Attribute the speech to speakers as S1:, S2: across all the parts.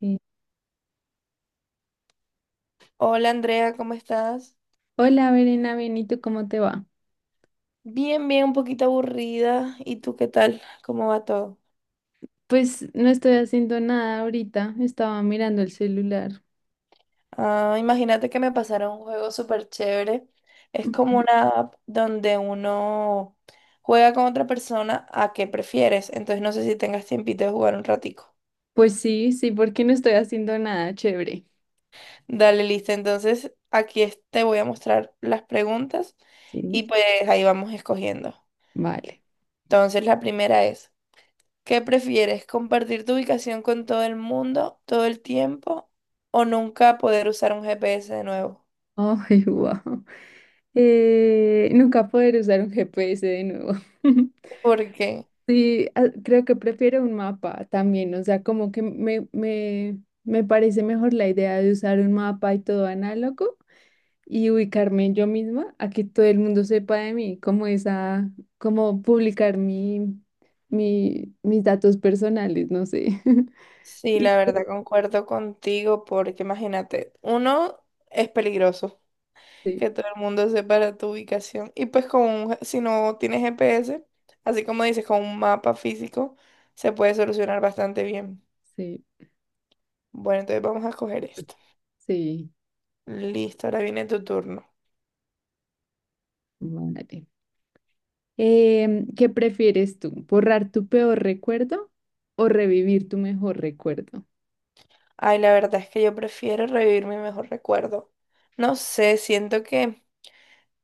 S1: Sí.
S2: Hola Andrea, ¿cómo estás?
S1: Hola, Verena, bien, ¿y tú cómo te va?
S2: Bien, bien, un poquito aburrida. ¿Y tú qué tal? ¿Cómo va todo?
S1: Pues no estoy haciendo nada ahorita, estaba mirando el celular.
S2: Ah, imagínate que me pasaron un juego súper chévere. Es
S1: Ujú.
S2: como una app donde uno juega con otra persona a qué prefieres. Entonces no sé si tengas tiempito de jugar un ratico.
S1: Pues sí, sí, porque no estoy haciendo nada, chévere.
S2: Dale, listo. Entonces te voy a mostrar las preguntas y
S1: Sí,
S2: pues ahí vamos escogiendo.
S1: vale.
S2: Entonces la primera es... ¿Qué prefieres? ¿Compartir tu ubicación con todo el mundo todo el tiempo o nunca poder usar un GPS de nuevo?
S1: Ay, wow. Nunca poder usar un GPS de nuevo.
S2: Porque
S1: Sí, ah, creo que prefiero un mapa también, o sea, como que me parece mejor la idea de usar un mapa y todo análogo y ubicarme yo misma a que todo el mundo sepa de mí, como esa, como publicar mis datos personales, no sé.
S2: sí,
S1: Y
S2: la verdad concuerdo contigo porque imagínate, uno es peligroso
S1: sí,
S2: que todo el mundo sepa tu ubicación y pues si no tienes GPS, así como dices, con un mapa físico se puede solucionar bastante bien.
S1: sí,
S2: Bueno, entonces vamos a coger esto.
S1: sí,
S2: Listo, ahora viene tu turno.
S1: vale. ¿Qué prefieres tú? ¿Borrar tu peor recuerdo o revivir tu mejor recuerdo?
S2: Ay, la verdad es que yo prefiero revivir mi mejor recuerdo. No sé, siento que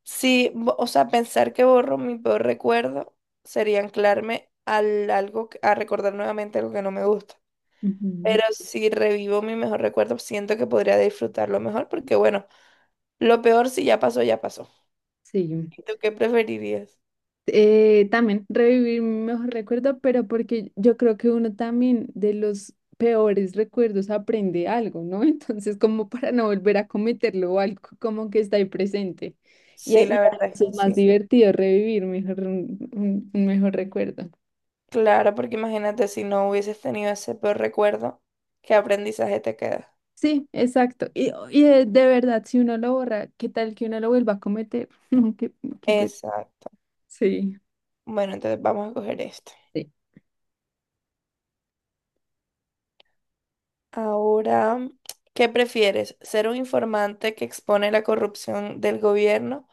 S2: sí, o sea, pensar que borro mi peor recuerdo sería anclarme al algo, a recordar nuevamente algo que no me gusta.
S1: Ujú,
S2: Pero si revivo mi mejor recuerdo, siento que podría disfrutarlo mejor porque, bueno, lo peor si ya pasó, ya pasó.
S1: sí.
S2: ¿Y tú qué preferirías?
S1: También revivir mi mejor recuerdo, pero porque yo creo que uno también de los peores recuerdos aprende algo, ¿no? Entonces, como para no volver a cometerlo o algo como que está ahí presente. Y
S2: Sí, la
S1: además
S2: verdad es
S1: es
S2: que
S1: más
S2: sí.
S1: divertido revivir mejor, un mejor recuerdo.
S2: Claro, porque imagínate si no hubieses tenido ese peor recuerdo, ¿qué aprendizaje te queda?
S1: Sí, exacto. Y de verdad, si uno lo borra, ¿qué tal que uno lo vuelva a cometer? No, qué pe-
S2: Exacto.
S1: Sí.
S2: Bueno, entonces vamos a coger esto.
S1: Sí.
S2: Ahora, ¿qué prefieres? ¿Ser un informante que expone la corrupción del gobierno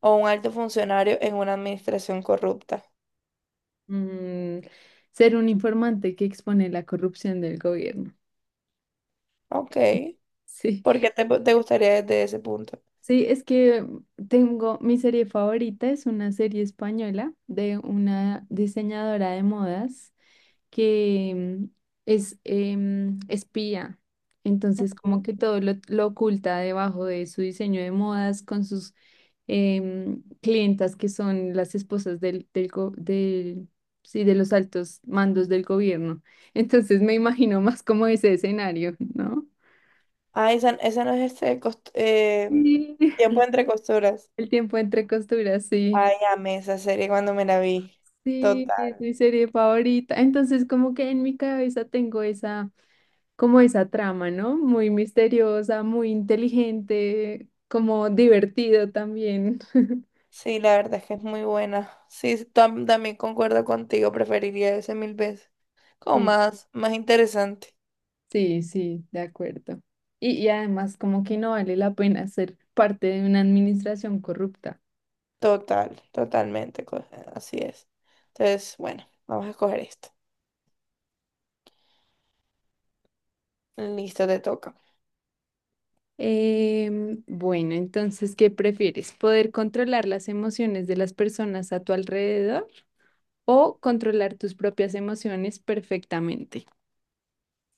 S2: o un alto funcionario en una administración corrupta?
S1: Mm, ser un informante que expone la corrupción del gobierno.
S2: Ok.
S1: Sí.
S2: ¿Por qué te gustaría desde ese punto?
S1: Sí, es que tengo mi serie favorita, es una serie española de una diseñadora de modas que es espía. Entonces, como
S2: Sí.
S1: que todo lo oculta debajo de su diseño de modas con sus clientas que son las esposas sí, de los altos mandos del gobierno. Entonces, me imagino más como ese escenario, ¿no?
S2: Ah, esa no es este
S1: Sí.
S2: tiempo entre costuras.
S1: El tiempo entre costuras, sí.
S2: Ay, amé esa serie cuando me la vi.
S1: Sí, es
S2: Total.
S1: mi serie favorita. Entonces, como que en mi cabeza tengo esa, como esa trama, ¿no? Muy misteriosa, muy inteligente, como divertido también.
S2: Sí, la verdad es que es muy buena. Sí, sí, también concuerdo contigo, preferiría ese mil veces. Como
S1: Sí,
S2: más, más interesante.
S1: sí, sí, de acuerdo. Y además, como que no vale la pena ser parte de una administración corrupta.
S2: Total, totalmente, co- así es. Entonces, bueno, vamos a escoger esto. Listo, te toca.
S1: Bueno, entonces, ¿qué prefieres? ¿Poder controlar las emociones de las personas a tu alrededor o controlar tus propias emociones perfectamente?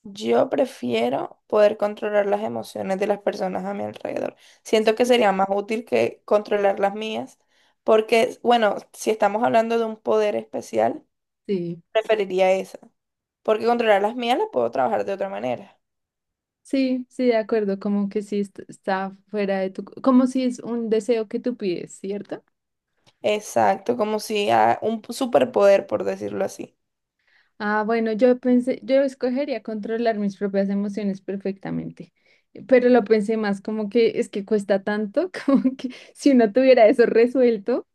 S2: Yo prefiero poder controlar las emociones de las personas a mi alrededor. Siento que sería más útil que controlar las mías, porque, bueno, si estamos hablando de un poder especial,
S1: Sí.
S2: preferiría esa, porque controlar las mías las puedo trabajar de otra manera.
S1: Sí, sí, de acuerdo, como que sí está fuera de tu, como si es un deseo que tú pides, ¿cierto?
S2: Exacto, como si a un superpoder, por decirlo así.
S1: Ah, bueno, yo pensé, yo escogería controlar mis propias emociones perfectamente, pero lo pensé más como que es que cuesta tanto, como que si uno tuviera eso resuelto,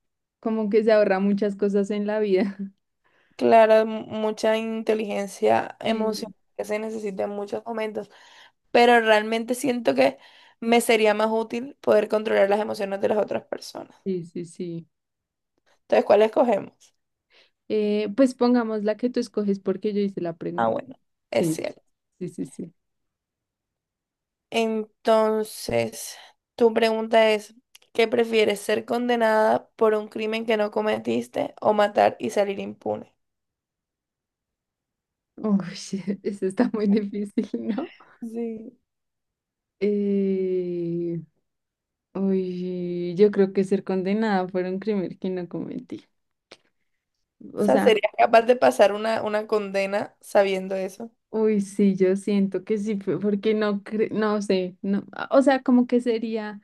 S1: como que se ahorra muchas cosas en la vida.
S2: Claro, mucha inteligencia
S1: Sí,
S2: emocional que se necesita en muchos momentos. Pero realmente siento que me sería más útil poder controlar las emociones de las otras personas.
S1: sí, sí, sí.
S2: Entonces, ¿cuál escogemos?
S1: Pues pongamos la que tú escoges porque yo hice la
S2: Ah,
S1: pregunta.
S2: bueno, es
S1: Sí,
S2: cierto.
S1: sí, sí, sí.
S2: Entonces, tu pregunta es, ¿qué prefieres, ser condenada por un crimen que no cometiste o matar y salir impune?
S1: Uy, eso está muy difícil, ¿no?
S2: Sí.
S1: Eh, Uy, yo creo que ser condenada por un crimen que no cometí.
S2: O
S1: O
S2: sea,
S1: sea,
S2: ¿serías capaz de pasar una condena sabiendo eso?
S1: uy, sí, yo siento que sí, fue porque no, no sé, no, o sea, como que sería,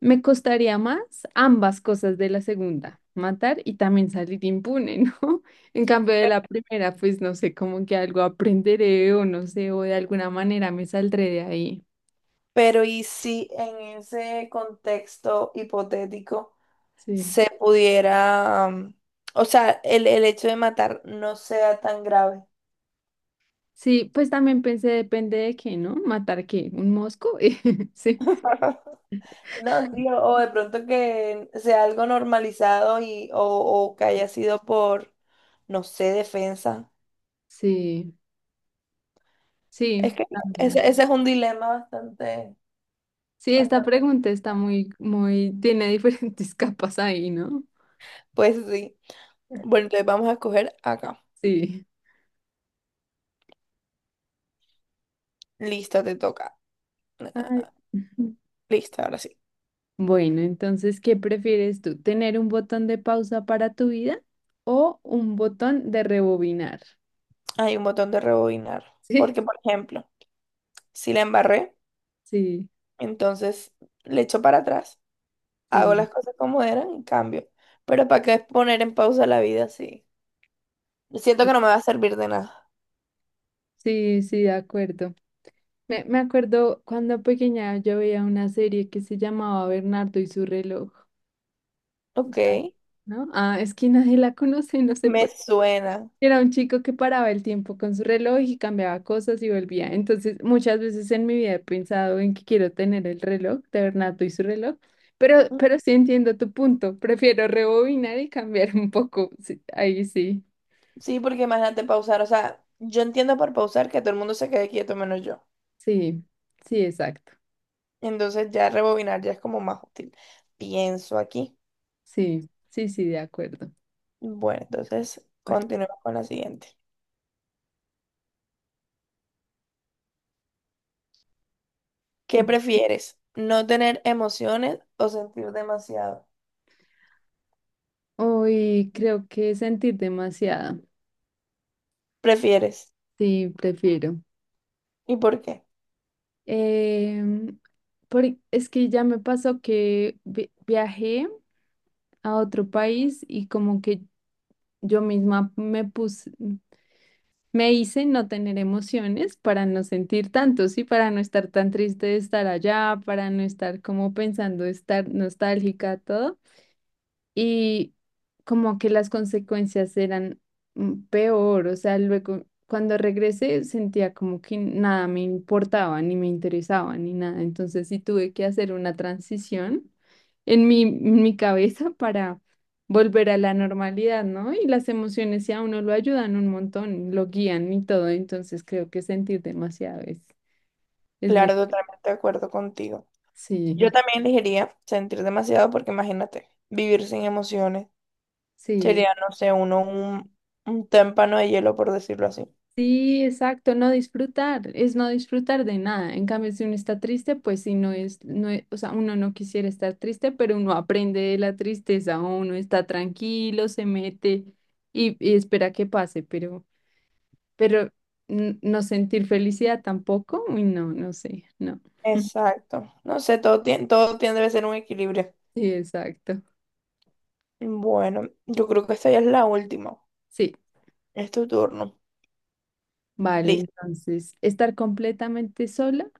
S1: me costaría más ambas cosas de la segunda, matar y también salir impune, ¿no? En cambio de
S2: Pe-
S1: la primera, pues no sé, como que algo aprenderé o no sé, o de alguna manera me saldré de ahí.
S2: Pero ¿y si en ese contexto hipotético
S1: Sí.
S2: se pudiera, o sea, el hecho de matar no sea tan grave?
S1: Sí, pues también pensé, depende de qué, ¿no? ¿Matar qué? ¿Un mosco? Sí,
S2: No, sí, o de pronto que sea algo normalizado y, o que haya sido por, no sé, defensa.
S1: sí.
S2: Es
S1: Sí,
S2: que
S1: también.
S2: ese es un dilema bastante,
S1: Sí, esta
S2: bastante.
S1: pregunta está muy, muy, tiene diferentes capas ahí, ¿no?
S2: Pues sí. Bueno, entonces vamos a escoger acá.
S1: Sí.
S2: Listo, te toca.
S1: Ay.
S2: Ah, listo, ahora sí.
S1: Bueno, entonces, ¿qué prefieres tú? ¿Tener un botón de pausa para tu vida o un botón de rebobinar?
S2: Hay un botón de rebobinar. Porque, por ejemplo, si la embarré,
S1: Sí, sí,
S2: entonces le echo para atrás, hago
S1: sí,
S2: las cosas como eran y cambio. Pero ¿para qué poner en pausa la vida así? Siento
S1: sí,
S2: que no me va a servir de nada.
S1: sí, sí, de acuerdo. Me acuerdo cuando pequeña yo veía una serie que se llamaba Bernardo y su reloj,
S2: Ok,
S1: ¿sabes? ¿No? Ah, es que nadie la conoce, no sé
S2: me
S1: por qué.
S2: suena.
S1: Era un chico que paraba el tiempo con su reloj y cambiaba cosas y volvía. Entonces, muchas veces en mi vida he pensado en que quiero tener el reloj, de Bernato y su reloj, pero,
S2: Mm,
S1: pero sí entiendo tu punto. Prefiero rebobinar y cambiar un poco. Sí, ahí sí,
S2: sí, porque imagínate pausar, o sea, yo entiendo por pausar que todo el mundo se quede quieto menos yo.
S1: sí, sí, exacto.
S2: Entonces ya rebobinar ya es como más útil. Pienso aquí.
S1: Sí, sí, sí, de acuerdo.
S2: Bueno, entonces
S1: Pare-
S2: continuemos con la siguiente. ¿Qué
S1: Ujú.
S2: prefieres? ¿No tener emociones o sentir demasiado?
S1: Hoy creo que sentir demasiado.
S2: ¿Prefieres?
S1: Sí, prefiero.
S2: ¿Y por qué?
S1: Em, por- es que ya me pasó que viajé. A otro país y como que yo misma me puse, me hice no tener emociones para no sentir tanto, sí, para no estar tan triste de estar allá, para no estar como pensando estar nostálgica, todo y como que las consecuencias eran peor, o sea, luego cuando regresé sentía como que nada me importaba, ni me interesaba, ni nada, entonces sí tuve que hacer una transición en mi cabeza para volver a la normalidad, ¿no? Y las emociones sí a uno lo ayudan un montón, lo guían y todo, entonces creo que sentir demasiado es mi.
S2: Claro, totalmente de acuerdo contigo.
S1: Sí,
S2: Yo también elegiría sentir demasiado porque imagínate, vivir sin emociones
S1: sí.
S2: sería, no sé, uno un témpano de hielo, por decirlo así.
S1: Sí, exacto, no disfrutar, es no disfrutar de nada. En cambio, si uno está triste, pues si no es, o sea, uno no quisiera estar triste, pero uno aprende de la tristeza, uno está tranquilo, se mete y espera que pase, pero no sentir felicidad tampoco, uy, no, no sé, no.
S2: Exacto. No sé, todo tiene, debe ser un equilibrio.
S1: Sí, exacto.
S2: Bueno, yo creo que esta ya es la última.
S1: Sí,
S2: Es tu turno.
S1: vale,
S2: Listo.
S1: entonces, ¿estar completamente sola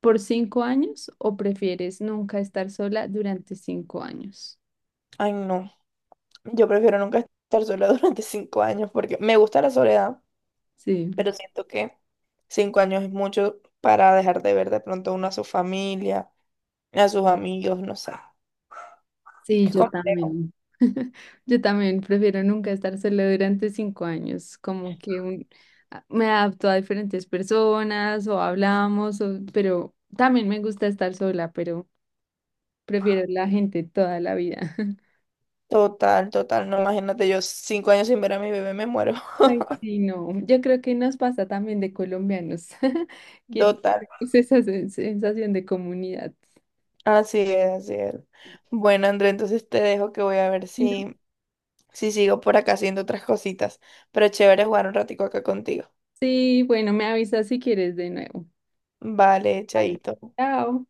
S1: por 5 años o prefieres nunca estar sola durante 5 años?
S2: Ay, no. Yo prefiero nunca estar sola durante cinco años porque me gusta la soledad,
S1: Sí.
S2: pero siento que cinco años es mucho para dejar de ver de pronto uno a su familia, a sus amigos, no sé.
S1: Sí,
S2: Es
S1: yo
S2: complejo.
S1: también. Yo también prefiero nunca estar sola durante 5 años, como que me adapto a diferentes personas o hablamos, pero también me gusta estar sola, pero prefiero la gente toda la vida.
S2: Total, total. No, imagínate, yo cinco años sin ver a mi bebé me muero.
S1: Ay, sí, no, yo creo que nos pasa también de colombianos, que
S2: Total.
S1: tenemos esa sensación de comunidad.
S2: Así es, así es. Bueno, André, entonces te dejo que voy a ver
S1: Y no-
S2: si si sigo por acá haciendo otras cositas. Pero chévere jugar un ratico acá contigo.
S1: Sí, bueno, me avisas si quieres de nuevo.
S2: Vale,
S1: Vale.
S2: chaito.
S1: Chao.